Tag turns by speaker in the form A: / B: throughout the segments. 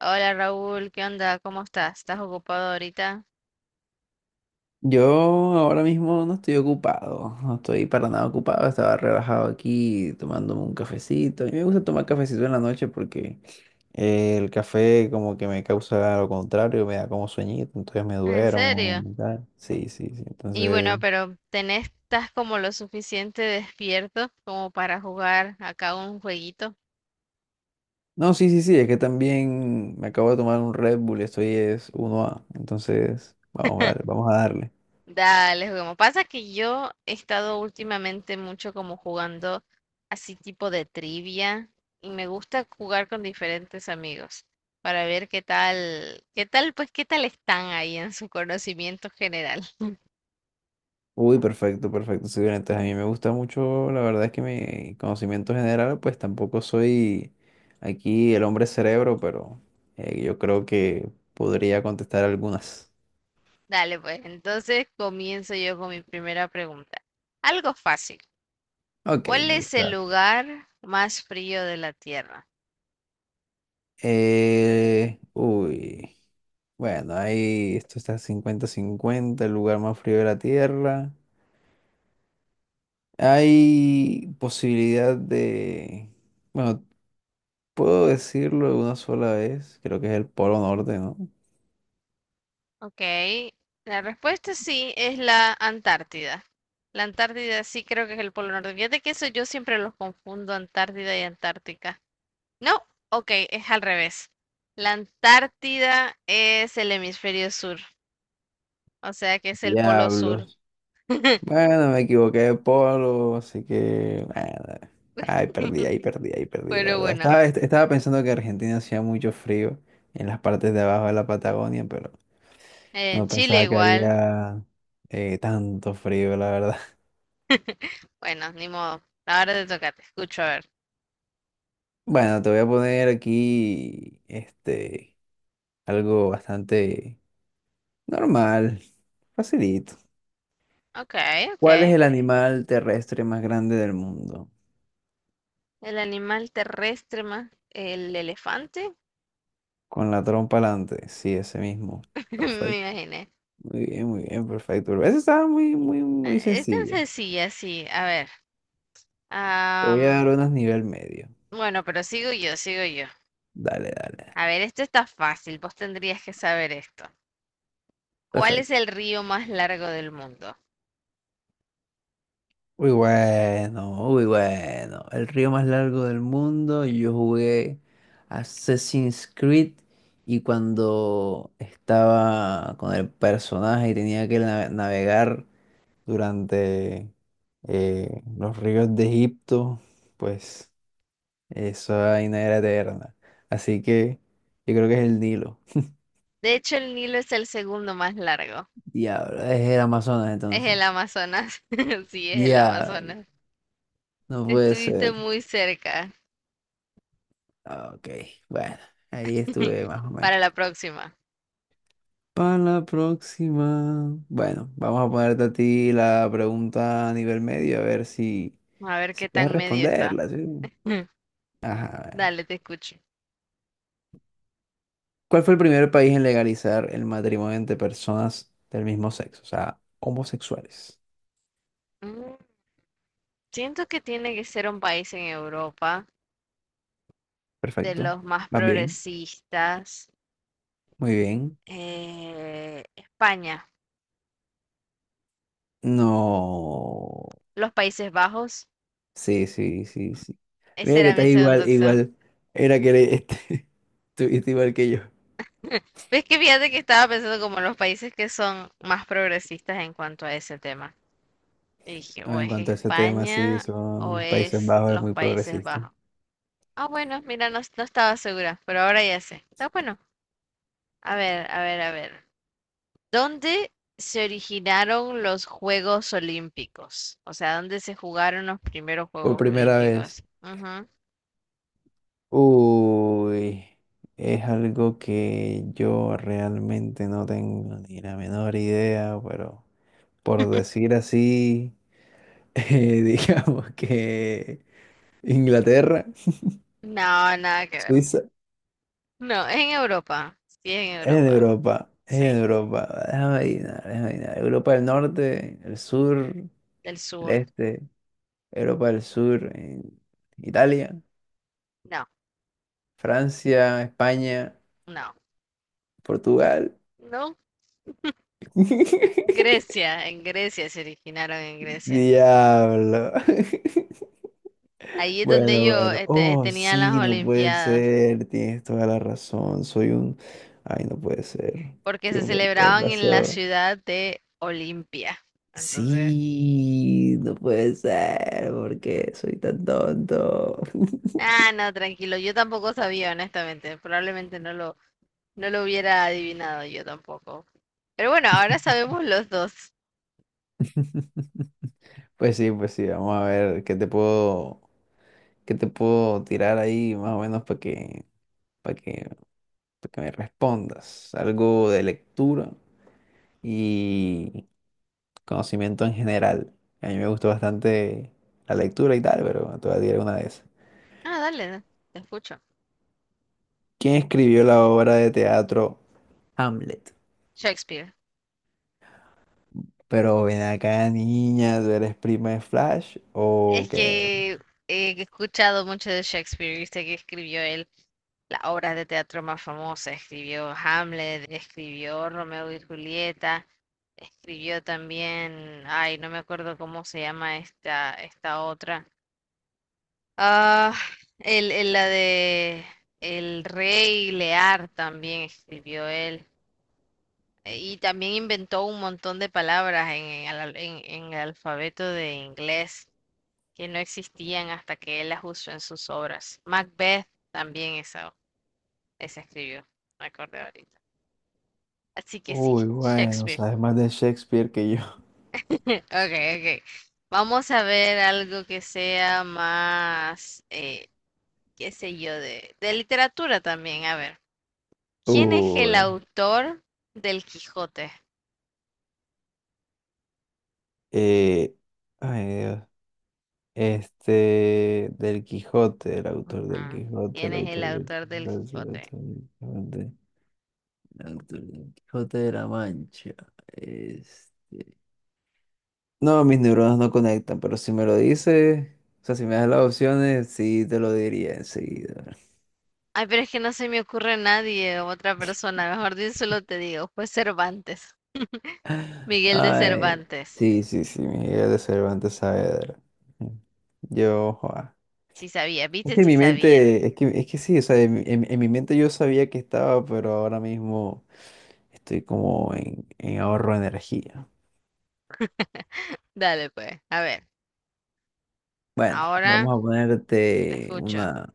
A: Hola Raúl, ¿qué onda? ¿Cómo estás? ¿Estás ocupado ahorita?
B: Yo ahora mismo no estoy ocupado, no estoy para nada ocupado, estaba relajado aquí tomándome un cafecito. A mí me gusta tomar cafecito en la noche porque el café como que me causa lo contrario, me da como sueñito, entonces me
A: ¿En
B: duermo
A: serio?
B: y tal. Sí, sí, sí,
A: Y bueno,
B: entonces...
A: pero ¿tenés, estás como lo suficiente despierto como para jugar acá un jueguito?
B: No, sí, sí, sí, es que también me acabo de tomar un Red Bull, estoy es uno a entonces vamos a darle, vamos a darle.
A: Dale, juguemos. Pasa que yo he estado últimamente mucho como jugando así tipo de trivia y me gusta jugar con diferentes amigos para ver pues qué tal están ahí en su conocimiento general.
B: Uy, perfecto, perfecto, sí, bien, entonces a mí me gusta mucho, la verdad es que mi conocimiento general, pues tampoco soy aquí el hombre cerebro, pero yo creo que podría contestar algunas.
A: Dale, pues entonces comienzo yo con mi primera pregunta. Algo fácil.
B: Ok,
A: ¿Cuál
B: me
A: es el
B: gusta.
A: lugar más frío de la Tierra?
B: Uy, bueno, ahí esto está 50-50 el lugar más frío de la Tierra. Hay posibilidad de, bueno, puedo decirlo de una sola vez, creo que es el Polo Norte, ¿no?
A: Ok, la respuesta sí es la Antártida. La Antártida sí creo que es el Polo Norte. Fíjate que eso yo siempre los confundo, Antártida y Antártica. No, ok, es al revés. La Antártida es el hemisferio sur, o sea que es el Polo Sur.
B: Diablos. Bueno, me equivoqué de polo, así que nada. Ay, perdí, ahí perdí, ahí perdí, la
A: Pero
B: verdad.
A: bueno,
B: Estaba pensando que Argentina hacía mucho frío en las partes de abajo de la Patagonia, pero
A: en
B: no
A: Chile
B: pensaba que
A: igual.
B: haría tanto frío, la verdad.
A: Bueno, ni modo. Ahora te toca, te escucho, a ver.
B: Bueno, te voy a poner aquí este algo bastante normal, facilito.
A: Ok, ok.
B: ¿Cuál es el animal terrestre más grande del mundo?
A: El animal terrestre más el elefante,
B: Con la trompa alante, sí, ese mismo.
A: me imaginé.
B: Muy bien, perfecto. Esa estaba muy, muy, muy
A: Es tan
B: sencilla.
A: sencilla, sí. A ver.
B: Te voy a dar
A: am,
B: unas nivel medio.
A: bueno, pero sigo yo.
B: Dale, dale.
A: A ver, esto está fácil. Vos tendrías que saber esto. ¿Cuál es
B: Perfecto.
A: el río más largo del mundo?
B: Muy bueno, muy bueno. El río más largo del mundo. Yo jugué Assassin's Creed y cuando estaba con el personaje y tenía que navegar durante los ríos de Egipto, pues esa vaina era eterna. Así que yo creo que es el Nilo.
A: De hecho, el Nilo es el segundo más largo.
B: Diablo, es el Amazonas
A: Es
B: entonces.
A: el Amazonas. Sí, es el
B: Diablo,
A: Amazonas.
B: no puede
A: Estuviste
B: ser.
A: muy cerca.
B: Ah, ok, bueno, ahí estuve más o
A: Para
B: menos.
A: la próxima.
B: Para la próxima. Bueno, vamos a ponerte a ti la pregunta a nivel medio, a ver si,
A: A ver
B: si
A: qué
B: puedes
A: tan medio está.
B: responderla, ¿sí?
A: Mm,
B: Ajá. A ver.
A: Dale, te escucho.
B: ¿Cuál fue el primer país en legalizar el matrimonio entre personas del mismo sexo? O sea, homosexuales.
A: Mm, Siento que tiene que ser un país en Europa, de
B: Perfecto.
A: los más
B: ¿Vas bien?
A: progresistas.
B: Muy bien.
A: España,
B: No.
A: los Países Bajos.
B: Sí, sí, sí, sí.
A: Esa
B: Mira que
A: era
B: estás
A: mi segunda
B: igual,
A: opción.
B: igual. Era que eres, este, estuviste igual que yo.
A: Ves que fíjate que estaba pensando como los países que son más progresistas en cuanto a ese tema. Y dije,
B: No,
A: o
B: en
A: es
B: cuanto a ese tema, sí,
A: España o
B: son Países
A: es
B: Bajos es
A: los
B: muy
A: Países
B: progresista.
A: Bajos. Ah, bueno, mira, no, no estaba segura, pero ahora ya sé. Está bueno. A ver. ¿Dónde se originaron los Juegos Olímpicos? O sea, ¿dónde se jugaron los primeros
B: Por
A: Juegos
B: primera vez.
A: Olímpicos? Ujú.
B: Uy, es algo que yo realmente no tengo ni la menor idea, pero por decir así, digamos que Inglaterra,
A: No, nada que ver.
B: Suiza.
A: No, es en Europa. Sí, es en
B: Es de
A: Europa.
B: Europa, es
A: Sí,
B: de Europa. Déjame adivinar, déjame adivinar. Europa del Norte, el sur,
A: del
B: el
A: sur.
B: este, Europa del Sur, Italia,
A: No,
B: Francia, España,
A: no,
B: Portugal.
A: no. Grecia, en Grecia.
B: Diablo.
A: Ahí es donde
B: Bueno,
A: ellos
B: bueno.
A: este,
B: Oh,
A: tenían
B: sí,
A: las
B: no puede
A: Olimpiadas,
B: ser. Tienes toda la razón. Soy un... Ay, no puede ser.
A: porque
B: ¿Qué,
A: se
B: qué
A: celebraban en la
B: pasó?
A: ciudad de Olimpia. Entonces,
B: Sí, no puede ser, porque soy tan tonto.
A: ah, no, tranquilo, yo tampoco sabía, honestamente, probablemente no lo, no lo hubiera adivinado yo tampoco. Pero bueno, ahora sabemos los dos.
B: Pues sí, vamos a ver qué te puedo, tirar ahí más o menos para que, para que, me respondas. Algo de lectura y conocimiento en general. A mí me gustó bastante la lectura y tal, pero te voy a tirar una de esas.
A: Ah, dale, te escucho.
B: ¿Quién escribió la obra de teatro Hamlet?
A: Shakespeare.
B: Pero ven acá, niña, ¿tú eres prima de Flash
A: Es
B: o qué?
A: que he escuchado mucho de Shakespeare, viste que escribió él las obras de teatro más famosas. Escribió Hamlet, escribió Romeo y Julieta, escribió también, ay, no me acuerdo cómo se llama esta otra. Ah, el- la de El Rey Lear también escribió él. Y también inventó un montón de palabras en el alfabeto de inglés que no existían hasta que él las usó en sus obras. Macbeth también esa escribió, me acordé ahorita. Así que sí,
B: Uy, bueno,
A: Shakespeare.
B: sabes más de Shakespeare que yo.
A: Okay, okay. Vamos a ver algo que sea más, qué sé yo, de literatura también. A ver, ¿quién es el
B: Uy.
A: autor del Quijote?
B: Eh, ay, Dios. Este, del Quijote, el autor del
A: Ah,
B: Quijote,
A: ¿quién
B: el
A: es el
B: autor del
A: autor del
B: Quijote, el
A: Quijote?
B: autor del Quijote, el autor del Quijote de la Mancha. Es... No, mis neuronas no conectan, pero si me lo dices, o sea, si me das las opciones, sí te lo diría enseguida.
A: Ay, pero es que no se me ocurre nadie, otra persona. Solo te digo, fue Cervantes. Miguel de
B: Ay,
A: Cervantes.
B: sí, sí, sí, Miguel de Cervantes Saavedra. Yo, joa.
A: Sí sabía,
B: Es
A: viste,
B: que en
A: sí
B: mi
A: sabía.
B: mente, es que sí, o sea, en, en mi mente yo sabía que estaba, pero ahora mismo. Estoy como en, ahorro de energía.
A: Dale, pues. A ver,
B: Bueno,
A: ahora
B: vamos a
A: te
B: ponerte
A: escucho.
B: una...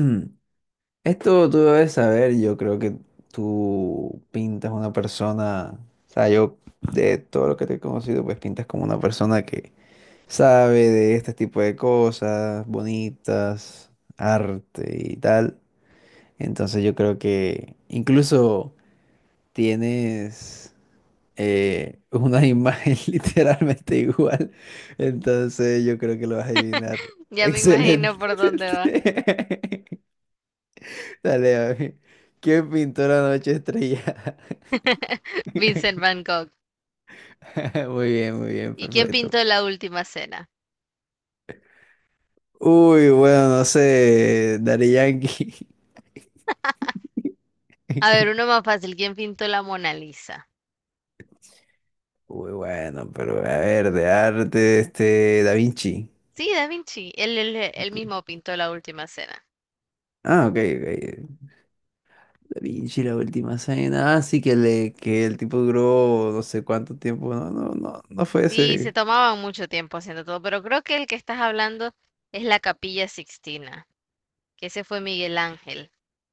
B: Esto tú debes saber, yo creo que tú pintas una persona, o sea, yo de todo lo que te he conocido, pues pintas como una persona que sabe de este tipo de cosas bonitas, arte y tal. Entonces yo creo que incluso tienes una imagen literalmente igual. Entonces yo creo que lo vas a adivinar.
A: Ya me
B: Excelente.
A: imagino por dónde va.
B: Dale, a ¿qué pintó la noche estrellada?
A: Vincent Van Gogh.
B: Muy bien,
A: ¿Y quién
B: perfecto.
A: pintó la última cena?
B: Uy, bueno, no sé, Daddy Yankee.
A: A ver, uno más fácil. ¿Quién pintó la Mona Lisa?
B: Uy, bueno, pero a ver, de arte, este, Da Vinci.
A: Sí, Da Vinci. Él mismo pintó la última cena.
B: Ah, ok, ok. Da Vinci, la última cena. Ah, sí, que, le, que el tipo duró no sé cuánto tiempo. No, no, no, no fue
A: Sí, se
B: ese.
A: tomaban mucho tiempo haciendo todo, pero creo que el que estás hablando es la Capilla Sixtina. Que ese fue Miguel Ángel,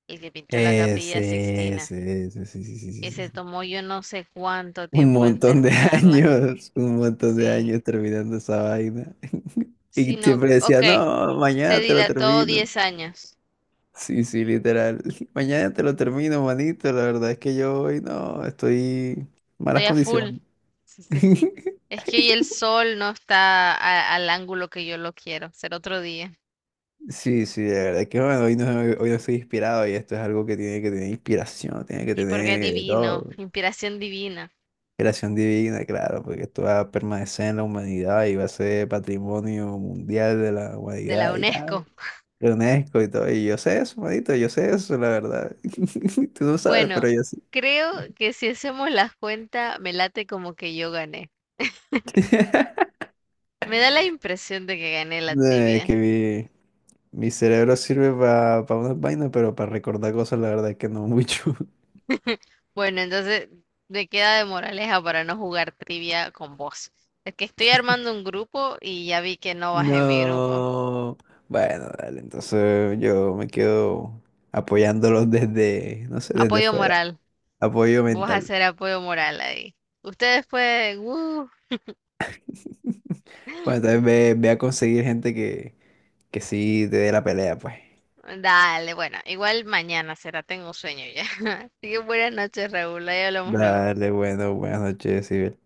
A: el que pintó la Capilla
B: Ese,
A: Sixtina,
B: ese, ese, sí, sí, sí, sí,
A: que
B: sí,
A: se
B: sí.
A: tomó yo no sé cuánto
B: Un
A: tiempo en
B: montón de
A: terminarla.
B: años, un montón de
A: Sí,
B: años terminando esa vaina. Y
A: sí, no,
B: siempre decía,
A: ok,
B: no,
A: se
B: mañana te lo
A: dilató
B: termino.
A: 10 años,
B: Sí, sí, literal. Mañana te lo termino, manito. La verdad es que yo hoy no, estoy en malas
A: estoy a full.
B: condiciones.
A: Sí, sí, sí. Es que hoy el sol no está a- al ángulo que yo lo quiero, será otro día.
B: Sí, sí, de verdad que bueno, hoy no estoy inspirado y esto es algo que tiene que tener inspiración, tiene que
A: Sí, porque es
B: tener de
A: divino,
B: todo,
A: inspiración divina
B: creación divina, claro, porque esto va a permanecer en la humanidad y va a ser patrimonio mundial de la
A: de la
B: humanidad y
A: UNESCO.
B: tal, de UNESCO y todo, y yo sé eso, manito, yo sé eso, la verdad. Tú no sabes, pero
A: Bueno,
B: yo sí.
A: creo que si hacemos la cuenta, me late como que yo gané. Me da la impresión de que gané la
B: No, es
A: tibia.
B: que mi cerebro sirve para unas vainas, pero para recordar cosas, la verdad es que no mucho.
A: Bueno, entonces me queda de moraleja para no jugar trivia con vos. Es que estoy armando un grupo y ya vi que no vas en mi grupo.
B: No. Bueno, dale, entonces yo me quedo apoyándolos desde, no sé, desde
A: Apoyo
B: fuera.
A: moral.
B: Apoyo
A: Vos
B: mental.
A: hacer apoyo moral ahí. Ustedes pueden... uh,
B: Bueno, entonces ve a conseguir gente que sí te dé la pelea, pues.
A: dale, bueno, igual mañana será, tengo sueño ya. Así que buenas noches, Raúl. Ahí hablamos luego.
B: Dale, bueno, buenas noches, Sibel.